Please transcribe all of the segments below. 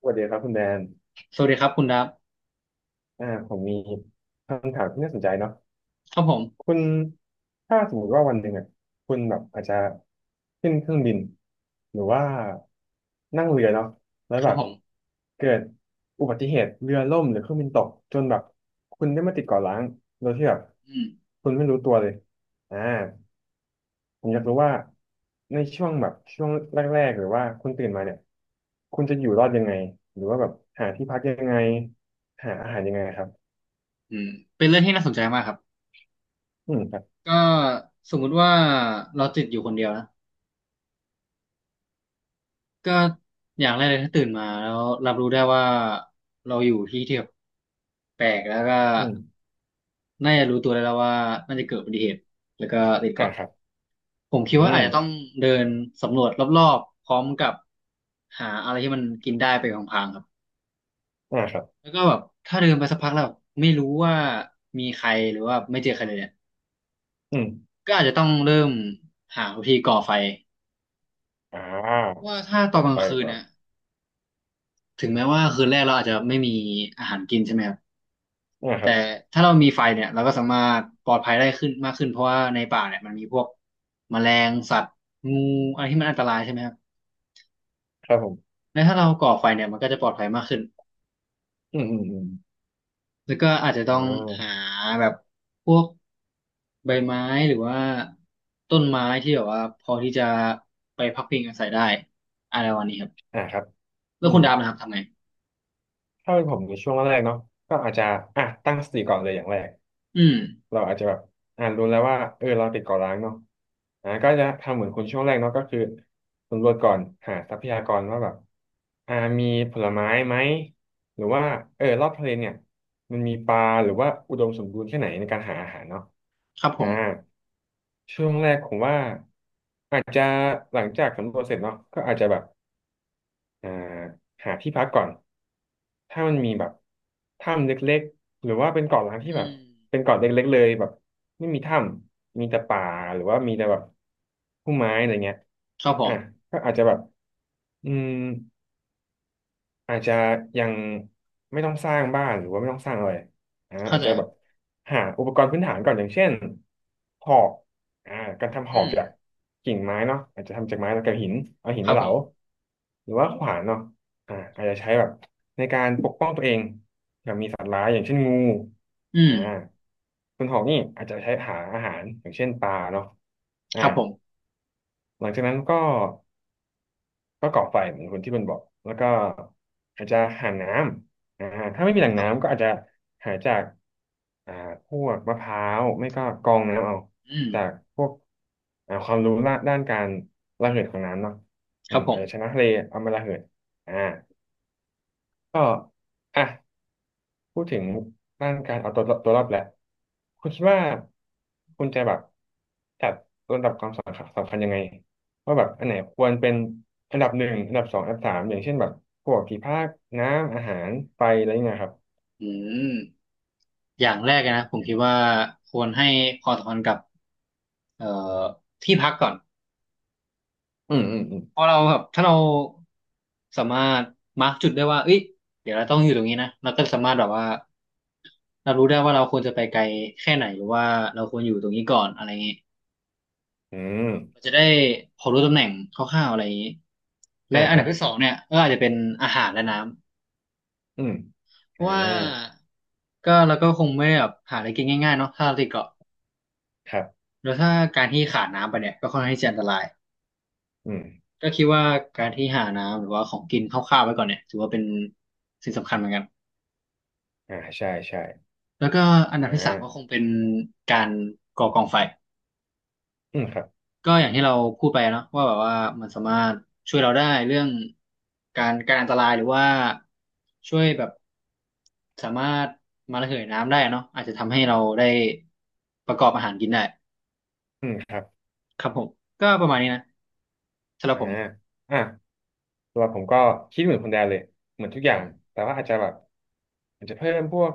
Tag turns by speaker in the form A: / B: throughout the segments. A: สวัสดีครับคุณแดน
B: สวัสดีครับคุณดับ
A: ผมมีคำถามที่น่าสนใจเนาะ
B: ครับผม
A: คุณถ้าสมมติว่าวันหนึ่งอ่ะคุณแบบอาจจะขึ้นเครื่องบินหรือว่านั่งเรือเนาะแล้ว
B: ค
A: แบ
B: รับ
A: บ
B: ผม
A: เกิดอุบัติเหตุเรือล่มหรือเครื่องบินตกจนแบบคุณได้มาติดเกาะร้างโดยที่แบบ
B: อืม
A: คุณไม่รู้ตัวเลยอ่าผมอยากรู้ว่าในช่วงแบบช่วงแรกๆหรือว่าคุณตื่นมาเนี่ยคุณจะอยู่รอดยังไงหรือว่าแบบหาที่พักยังไงหาอาหารยังไงครับ
B: อืมเป็นเรื่องที่น่าสนใจมากครับ
A: อืมครับ
B: ก็สมมุติว่าเราติดอยู่คนเดียวนะก็อย่างแรกเลยถ้าตื่นมาแล้วรับรู้ได้ว่าเราอยู่ที่ที่แบบแปลกแล้วก็
A: อืม
B: น่าจะรู้ตัวได้แล้วว่าน่าจะเกิดอุบัติเหตุแล้วก็ติดเกาะ
A: ครับ
B: ผมคิ
A: อื
B: ดว่าอาจจะต้อง
A: ม
B: เดินสำรวจรอบๆพร้อมกับหาอะไรที่มันกินได้ไปของพลางๆครับ
A: ครับ
B: แล้วก็แบบถ้าเดินไปสักพักแล้วแบบไม่รู้ว่ามีใครหรือว่าไม่เจอใครเลยเนี่ย
A: อืม
B: ก็อาจจะต้องเริ่มหาวิธีก่อไฟ
A: อ่า
B: ว่าถ้า
A: ข
B: ตอ
A: อ
B: นกลา
A: ไป
B: งคืน
A: ก่อน
B: เนี่ยถึงแม้ว่าคืนแรกเราอาจจะไม่มีอาหารกินใช่ไหมครับ
A: ค
B: แต่
A: รับ
B: ถ้าเรามีไฟเนี่ยเราก็สามารถปลอดภัยได้ขึ้นมากขึ้นเพราะว่าในป่าเนี่ยมันมีพวกแมลงสัตว์งูอะไรที่มันอันตรายใช่ไหมครับ
A: ครับผม
B: และถ้าเราก่อไฟเนี่ยมันก็จะปลอดภัยมากขึ้น
A: อืมอืมอืม
B: แล้วก็อาจจะต้
A: อ่
B: องหา
A: า
B: แบบพวกใบไม้หรือว่าต้นไม้ที่แบบว่าพอที่จะไปพักพิงอาศัยได้อะไรวันนี้ครับ
A: ครับ
B: แล้
A: อื
B: วคุณ
A: ม
B: ดาบนะครับทำไง
A: ถ้าเป็นผมในช่วงแรกๆเนาะก็อาจจะอ่ะตั้งสติก่อนเลยอย่างแรก
B: อืม
A: เราอาจจะแบบอ่านรู้แล้วว่าเออเราติดเกาะร้างเนาะก็จะทำเหมือนคุณช่วงแรกเนาะก็คือสำรวจก่อนหาทรัพยากรว่าแบบอ่ามีผลไม้ไหมหรือว่าเออรอบทะเลเนี่ยมันมีปลาหรือว่าอุดมสมบูรณ์แค่ไหนในการหาอาหารเนาะ
B: ครับผ
A: อ่า
B: ม
A: ช่วงแรกผมว่าอาจจะหลังจากสำรวจเสร็จเนาะก็อาจจะแบบ อ่าหาที่พักก่อน ถ้ามันมีแบบถ้ำเล็กๆ หรือว่าเป็นเกาะล้างที่
B: อื
A: แบบ
B: ม
A: เป็นเกาะเล็กๆเลยแบบไม่มีถ้ำ มีแต่ป่าหรือว่ามีแต่แบบพุ่มไม้อะไรเงี้ย
B: ครับผ
A: อ่ะ
B: ม
A: ก็อาจจะแบบอืม อาจจะยังไม่ต้องสร้างบ้านหรือว่าไม่ต้องสร้างอะไร
B: เข้า
A: อาจ
B: ใจ
A: จะ
B: ค
A: แบ
B: รับ
A: บหาอุปกรณ์พื้นฐานก่อนอย่างเช่นหอกอ่าการทำ
B: อื
A: หอก
B: ม
A: จากกิ่งไม้เนาะอาจจะทำจากไม้แล้วกับหินเอาหิน
B: ครั
A: มา
B: บ
A: เห
B: ผ
A: ลา
B: ม
A: หรือว่าขวานเนาะอาจจะใช้แบบในการปกป้องตัวเองมีสัตว์ร้ายอย่างเช่นงู
B: อืม
A: อ่าส่วนหอกนี่อาจจะใช้หาอาหารอย่างเช่นปลาเนาะอ่า
B: ครับผม
A: หลังจากนั้นก็ ก่อไฟเหมือนคนที่มันบอกแล้วก็อาจจะหาน้ำถ้าไม่มีแหล่ง
B: ครับผ
A: น้ำ
B: ม
A: ก็อาจจะหาจากอ่าพวกมะพร้าวไม่ก็กรองน้ำเอา
B: อืม
A: จากพวกความรู้ละด้านการระเหิดของน้ำเนาะ
B: ค
A: อื
B: รับ
A: ม
B: ผ
A: อาจจะช
B: ม
A: นะทะเลเอามาระเหิดอ่าก็อ่ะ พูดถึงด้านการเอาตัวรอดแหละคุณคิดว่าคุณจะแบบจัดลำดับความสำคัญยังไงว่าแบบอันไหนควรเป็นอันดับหนึ่งอันดับสองอันดับสามอย่างเช่นแบบพวกที่พักน้ำอาหารไฟอะไรอย่างเงี้ยครับ
B: อืมอย่างแรกนะผมคิดว่าควรให้ความสำคัญกับเอ่อที่พักก่อน
A: อืมอืมอืม
B: เพอเราแบบถ้าเราสามารถมาร์กจุดได้ว่าเอ้ยเดี๋ยวเราต้องอยู่ตรงนี้นะเราก็สามารถแบบว่าเรารู้ได้ว่าเราควรจะไปไกลแค่ไหนหรือว่าเราควรอยู่ตรงนี้ก่อนอะไรเงี้ย
A: อืม
B: เราจะได้พอรู้ตำแหน่งคร่าวๆอะไรอย่างนี้และอั
A: ค
B: นดั
A: รั
B: บ
A: บ
B: ที่สองเนี่ยก็อาจจะเป็นอาหารและน้ำ
A: อืม
B: เพ
A: อ่า
B: ราะว่าก็เราก็คงไม่ได้แบบหาอะไรกินง่ายๆเนาะถ้าเราติดเกาะ
A: ครับ
B: แล้วถ้าการที่ขาดน้ำไปเนี่ยก็ค่อนข้างที่จะอันตราย
A: อืม
B: ก็คิดว่าการที่หาน้ำหรือว่าของกินคร่าวๆไว้ก่อนเนี่ยถือว่าเป็นสิ่งสำคัญเหมือนกัน
A: ใช่ใช่
B: แล้วก็อันดับ
A: อ่
B: ที่สามก็ค
A: า
B: งเป็นการก่อกองไฟ
A: อืมครับ
B: ก็อย่างที่เราพูดไปเนาะว่าแบบว่ามันสามารถช่วยเราได้เรื่องการอันตรายหรือว่าช่วยแบบสามารถมาระเหยน้ำได้เนาะอาจจะทำให้เราได้ประกอบอาหารกินได้
A: อืมครับ
B: ครับผมก็ประมาณนี้นะสำหรับ
A: อ่า
B: ผม
A: อ่ะสรับผมก็คิดเหมือนคนแดนเลยเหมือนทุกอย่างแต่ว่าอาจจะแบบอาจจะเพิ่มพวก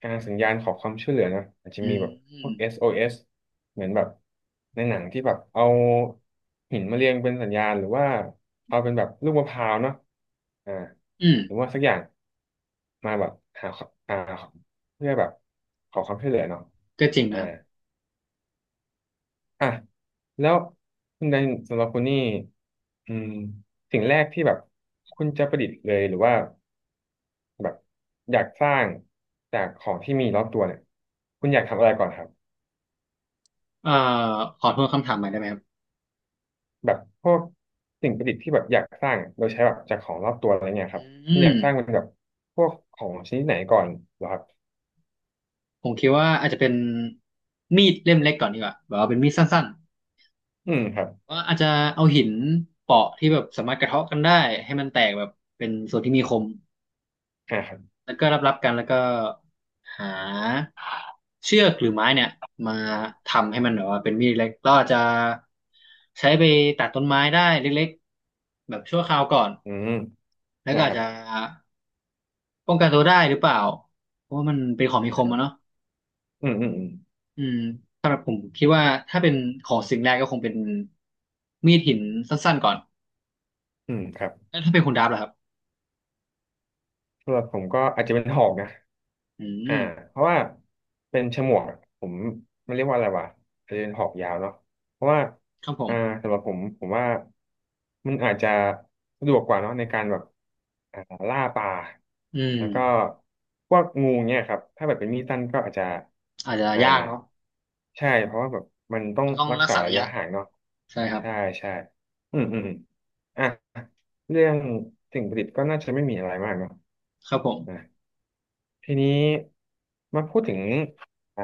A: สัญญาณขอความช่วยเหลือนะอาจจะ
B: อื
A: มี
B: ม
A: แบบ
B: อื
A: พว
B: ม
A: ก SOS เอสเหมือนแบบในหนังที่แบบเอาหินมาเรียงเป็นสัญญาณหรือว่าเอาเป็นแบบลูกมะพร้าวเนาะอ่า
B: อืม
A: หรือว่าสักอย่างมาแบบหาอ่าเพื่อแบบขอความช่วยเหลือเนาะ
B: ก็จริง
A: อ่า
B: นะครับ
A: อ่ะแล้วคุณแดนสำหรับคุณนี่อืมสิ่งแรกที่แบบคุณจะประดิษฐ์เลยหรือว่าแบบอยากสร้างจากของที่มีรอบตัวเนี่ยคุณอยากทำอะไรก่อนครับ
B: เอ่อขอทวนคำถามใหม่ได้ไหมครับ
A: แบบพวกสิ่งประดิษฐ์ที่แบบอยากสร้างอะโดยใช้แบบจากของรอบตัวอะไรเงี้ยครับ
B: อื
A: คุณอ
B: ม
A: ยากสร้างเป็นแบบพวกของชนิดไหนก่อนเหรอครับ
B: ผมคิดว่าอาจจะเป็นมีดเล่มเล็กก่อนดีกว่าแบบว่าเป็นมีดสั้น
A: อืมครับ
B: ก็อาจจะเอาหินเปาะที่แบบสามารถกระเทาะกันได้ให้มันแตกแบบเป็นส่วนที่มีคม
A: ครับ
B: แล้วก็รับกันแล้วก็หาเชือกหรือไม้เนี่ยมาทำให้มันแบบว่าเป็นมีดเล็กเราอาจจะใช้ไปตัดต้นไม้ได้เล็กๆแบบชั่วคราวก่อน
A: อืม
B: แล้วก็
A: นา
B: อา
A: ค
B: จ
A: รับ
B: จะป้องกันตัวได้หรือเปล่า เพราะว่ามันเป็นของมีคมอะเนาะ
A: อืมอืมอืม
B: อืมสำหรับผมคิดว่าถ้าเป็นของสิ่งแรกก็คงเป็นมีดหินสั้นๆก่อน
A: อืมครับ
B: แล้วถ้าเป็นคุณดับล่ะครับ
A: สำหรับผมก็อาจจะเป็นหอกนะ
B: อื
A: อ่า
B: ม
A: เพราะว่าเป็นฉมวกผมมันเรียกว่าอะไรวะอาจจะเป็นหอกยาวเนาะเพราะว่า
B: ครับผม
A: อ่าสำหรับผมผมว่ามันอาจจะสะดวกกว่าเนาะในการแบบอ่าล่าปลา
B: อืม
A: แล้วก็พวกงูเนี่ยครับถ้าแบบเป็นมีดสั้นก็อาจจะ
B: อาจจะ
A: อ่า
B: ยากเนาะ
A: ใช่เพราะว่าแบบมันต้อง
B: มันต้อง
A: รัก
B: รัก
A: ษา
B: ษาระ
A: ระยะ
B: ยะ
A: ห่างเนาะ
B: ใช่ครับ
A: ใช่ใช่อืมอืมอมอ่ะเรื่องสิ่งประดิษฐ์ก็น่าจะไม่มีอะไรมากเนาะ
B: ครับผม
A: ทีนี้มาพูดถึงอ่า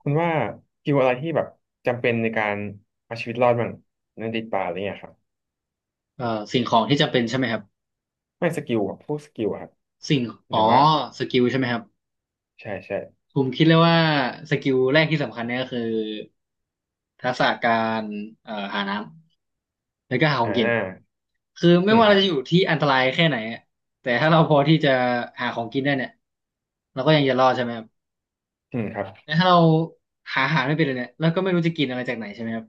A: คุณว่าสกิลอะไรที่แบบจำเป็นในการเอาชีวิตรอดบ้างในติดป่าอะไรเงี้ยครับ
B: สิ่งของที่จำเป็นใช่ไหมครับ
A: ไม่สกิลแบบพวกสกิลอะครับ
B: สิ่ง
A: ห
B: อ๋
A: รื
B: อ
A: ว่า
B: สกิลใช่ไหมครับ
A: ใช่ใช่
B: ผมคิดเลยว่าสกิลแรกที่สำคัญเนี่ยก็คือทักษะการหาน้ำแล้วก็หาของกิน
A: อ่า
B: คือไม่
A: อืม
B: ว่า
A: ค
B: เรา
A: รับ
B: จะอยู่ที่อันตรายแค่ไหนอะแต่ถ้าเราพอที่จะหาของกินได้เนี่ยเราก็ยังจะรอดใช่ไหมครับ
A: อืมครับ
B: แต่ถ้าเราหาอาหารไม่เป็นเลยเนี่ยเราก็ไม่รู้จะกินอะไรจากไหนใช่ไหมครับ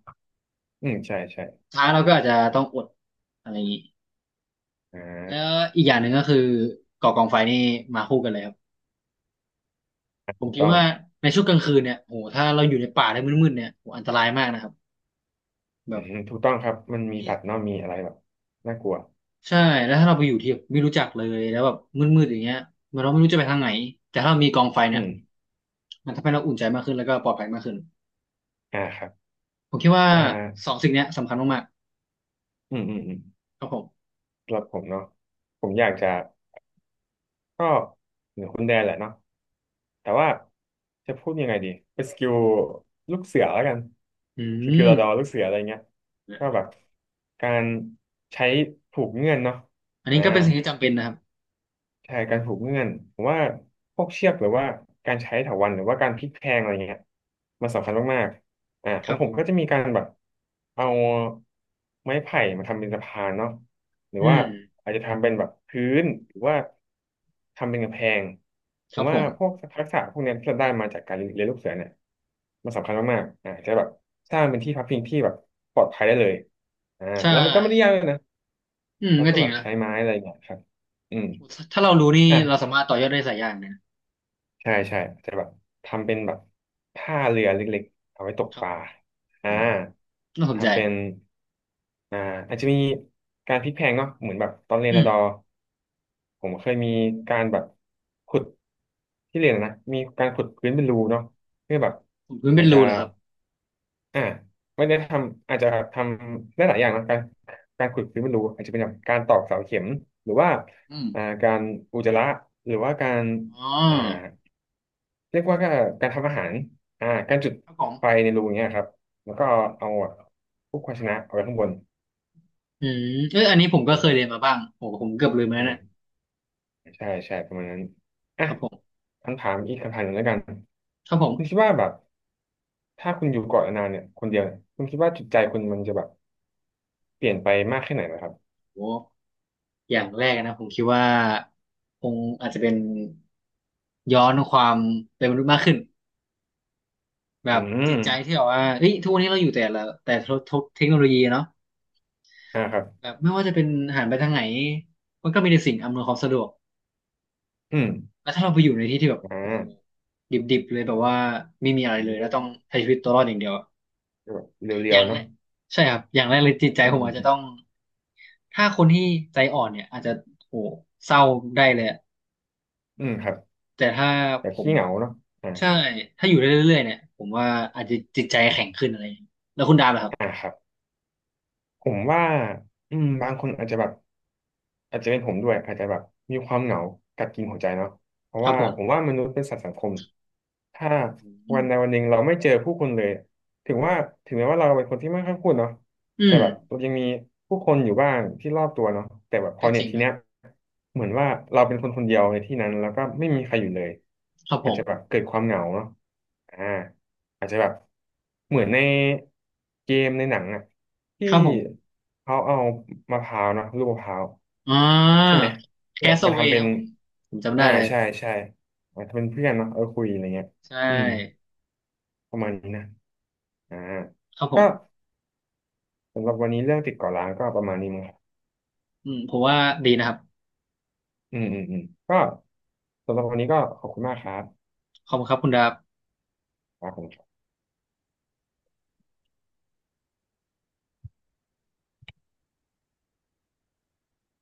A: อืมใช่ใช่
B: สุดท้ายเราก็อาจจะต้องอดอะไรอย่างนี้
A: อ่
B: แล้ว
A: า
B: อีกอย่างหนึ่งก็คือก่อกองไฟนี่มาคู่กันเลยครับผม
A: ถูก
B: คิด
A: ต้อง
B: ว่าในช่วงกลางคืนเนี่ยโหถ้าเราอยู่ในป่าใน้มืดๆเนี่ยโหอันตรายมากนะครับ
A: อื
B: แบบ
A: มถูกต้องครับมันมี
B: ที่
A: สัตว์เนาะมีอะไรแบบน่ากลัว
B: ใช่แล้วถ้าเราไปอยู่ที่ไม่รู้จักเลยแล้วแบบมืดๆอย่างเงี้ยมันเราไม่รู้จะไปทางไหนแต่ถ้าเรามีกองไฟเนี่
A: อื
B: ย
A: ม
B: มันทำให้เราอุ่นใจมากขึ้นแล้วก็ปลอดภัยมากขึ้น
A: ครับ
B: ผมคิดว่า
A: อ่
B: สอ
A: า
B: งสิ่งเนี้ยสำคัญมาก
A: อืมอืมอืม
B: ๆครับผม
A: สำหรับผมเนาะผมอยากจะก็เหมือนคุณแดนแหละเนาะ แต่ว่าจะพูดยังไงดีเป็นสกิลลูกเสือแล้วกัน
B: อื
A: สกิล
B: ม
A: ระดอลูกเสืออะไรเงี้ยก็แบบการใช้ผูกเงื่อนเนาะ
B: อันนี้
A: อ่า
B: ก็เป็นสิ่งที่จำเป็นนะครับ
A: ใช่การผูกเงื่อนผมว่าพวกเชือกหรือว่าการใช้เถาวัลย์หรือว่าการพลิกแพลงอะไรเงี้ยมันสำคัญมากๆ
B: ค
A: ขอ
B: รั
A: ง
B: บ
A: ผ
B: ผ
A: ม
B: ม
A: ก็จะมีการแบบเอาไม้ไผ่มาทำเป็นสะพานเนาะหรือ
B: อื
A: ว่า
B: ม
A: อาจจะทำเป็นแบบพื้นหรือว่าทำเป็นกำแพง
B: ค
A: ผ
B: รั
A: ม
B: บผ
A: ว่า
B: ม
A: พวกทักษะพวกเนี้ยที่เราได้มาจากการเรียนลูกเสือเนี่ยมันสำคัญมากๆจะแบบสร้างเป็นที่พักพิงที่แบบปลอดภัยได้เลย
B: ใช่
A: แล้วมันก็ไม่ได้ยากเลยนะ
B: อืม
A: เรา
B: ก็
A: ก็
B: จริ
A: แบ
B: ง
A: บ
B: นะ
A: ใช้ไม้อะไรเงี้ยครับอืม
B: ถ้าเรารู้นี่
A: อ่ะ
B: เราสามารถต่อยอดได้หลายอย่างเลยนะ
A: ใช่ใช่จะแบบทำเป็นแบบท่าเรือเล็กๆเอาไว้ตก
B: ครั
A: ป
B: บ
A: ลาอ่า
B: อืมน่าสนใจ
A: ทำเป็นอ่าอาจจะมีการพลิกแพลงเนาะเหมือนแบบตอนเรียน
B: อื
A: ระ
B: ม
A: ดอผมเคยมีการแบบขุดที่เรียนอะนะมีการขุดพื้นเป็นรูเนาะเพื่อแบบ
B: ขุดพื้นเป็
A: อา
B: น
A: จจะ
B: รูเหรอครับ
A: อ่าไม่ได้ทำอาจจะทำได้หลายอย่างนะการการขุดพื้นเป็นรูอาจจะเป็นแบบการตอกเสาเข็มหรือว่า
B: อืม
A: การอุจจาระหรือว่าการ
B: อ๋อ
A: อ่า เรียกว่าก็การทำอาหารการจุด
B: ครับผม
A: ไฟในรูเนี้ยครับ แล้วก็เอาเอาพวกภาชนะเอาไว้ข้างบน
B: อืมเอออันนี้ผมก็เคยเรียน
A: อ่า
B: มาบ้างโอ้ผมเกือบลืม
A: โอ
B: แล้วนะ
A: เคใช่ใช่ประมาณนั้นอ่ะ
B: ครับผม
A: คำถามอีกคำถามหนึ่งแล้วกัน
B: ครับผ
A: คุณคิด
B: ม
A: ว่าแบบถ้าคุณอยู่เกาะนานๆเนี่ยคนเดียวเนี่ยคุณคิดว่าจิตใจคุณมันจะแบบเปลี่ยนไปมากแค่ไหนนะครับ
B: โอ้อย่างแรกนะผมคิดว่าคงอาจจะเป็นย้อนความเป็นมนุษย์มากขึ้นแบ
A: อื
B: บจิ
A: ม
B: ตใจที่แบบว่าเฮ้ยทุกวันนี้เราอยู่แต่ละแต่ทบเทคโนโลยีเนาะ
A: ครับ
B: แบบไม่ว่าจะเป็นหันไปทางไหนมันก็มีแต่สิ่งอำนวยความสะดวก
A: อืม
B: แล้วถ้าเราไปอยู่ในที่ที่แบบ
A: อ่
B: โอ้โห
A: า
B: ดิบๆเลยแบบว่าไม่มีอะไร
A: อื
B: เล
A: ม
B: ยแล้ว
A: ก
B: ต้องใช้ชีวิตตัวรอดอย่างเดียวอะ
A: ็แบบเรี
B: อ
A: ยว
B: ย่าง
A: ๆ
B: แร
A: เนาะ
B: กใช่ครับอย่างแรกเลยจิตใจ
A: อืม
B: ผม
A: อื
B: อาจ
A: ม
B: จะต้องถ้าคนที่ใจอ่อนเนี่ยอาจจะโหเศร้าได้เลยอะ
A: อืมครับ
B: แต่ถ้า
A: แบ
B: ผ
A: บ
B: ม
A: ขี้เหงาเนาะอ่า
B: ใช่ถ้าอยู่ได้เรื่อยๆเนี่ยผมว่าอาจจะจิตใจแข็งขึ้นอะไรอย่างเงี้ยแล้วคุณดาบล่ะครับ
A: อ่าครับผมว่าอืมบางคนอาจจะแบบ อาจจะเป็นผมด้วยอาจจะแบบมีความเหงากัดกินหัวใจเนาะเพราะ
B: ครับ
A: ว่า
B: ผ
A: ผม
B: ม
A: ว่ามนุษย์เป็นสัตว์สังคมถ้า
B: อื
A: วัน
B: ม
A: ใดวันหนึ่งเราไม่เจอผู้คนเลยถึงว่าถึงแม้ว่าเราเป็นคนที่ไม่ค่อยพูดเนาะ
B: อื
A: แต่
B: ม
A: แบบเรายังมีผู้คนอยู่บ้างที่รอบตัวเนาะแต่แบบพอ
B: ก็จ
A: เนี่ย
B: ริง
A: ที
B: นะ
A: เนี้ยเหมือนว่าเราเป็นคนคนเดียวในที่นั้นแล้วก็ไม่มีใครอยู่เลย
B: ครับผ
A: อาจ
B: ม
A: จะแบบเกิดความเหงาเนาะอ่า อาจจะแบบเหมือนในเกมในหนังอ่ะ
B: ค
A: ที่
B: รับผม
A: เขาเอามะพร้าวเนอะลูกมะพร้าว
B: อ่
A: ใช่
B: า
A: ไหม
B: แค
A: แบบ
B: ส
A: มา
B: เว
A: ทำ
B: ย์
A: เป็
B: ค
A: น
B: รับผมผมจำได้เลย
A: ใช่ใช่อาทำเป็นเพื่อนเนาะเออคุยอะไรเงี้ย
B: ใช่
A: อืมประมาณนี้นะอ่า
B: ครับผ
A: ก็
B: ม
A: สำหรับวันนี้เรื่องติดเก่อร้างก็ประมาณนี้มั้งครับ
B: อืมผมว่าดีนะครับ
A: อืมอืมอืมก็สำหรับวันนี้ก็ขอบคุณมากครับ
B: ขอบคุณครับคุณดาบ
A: ครับผม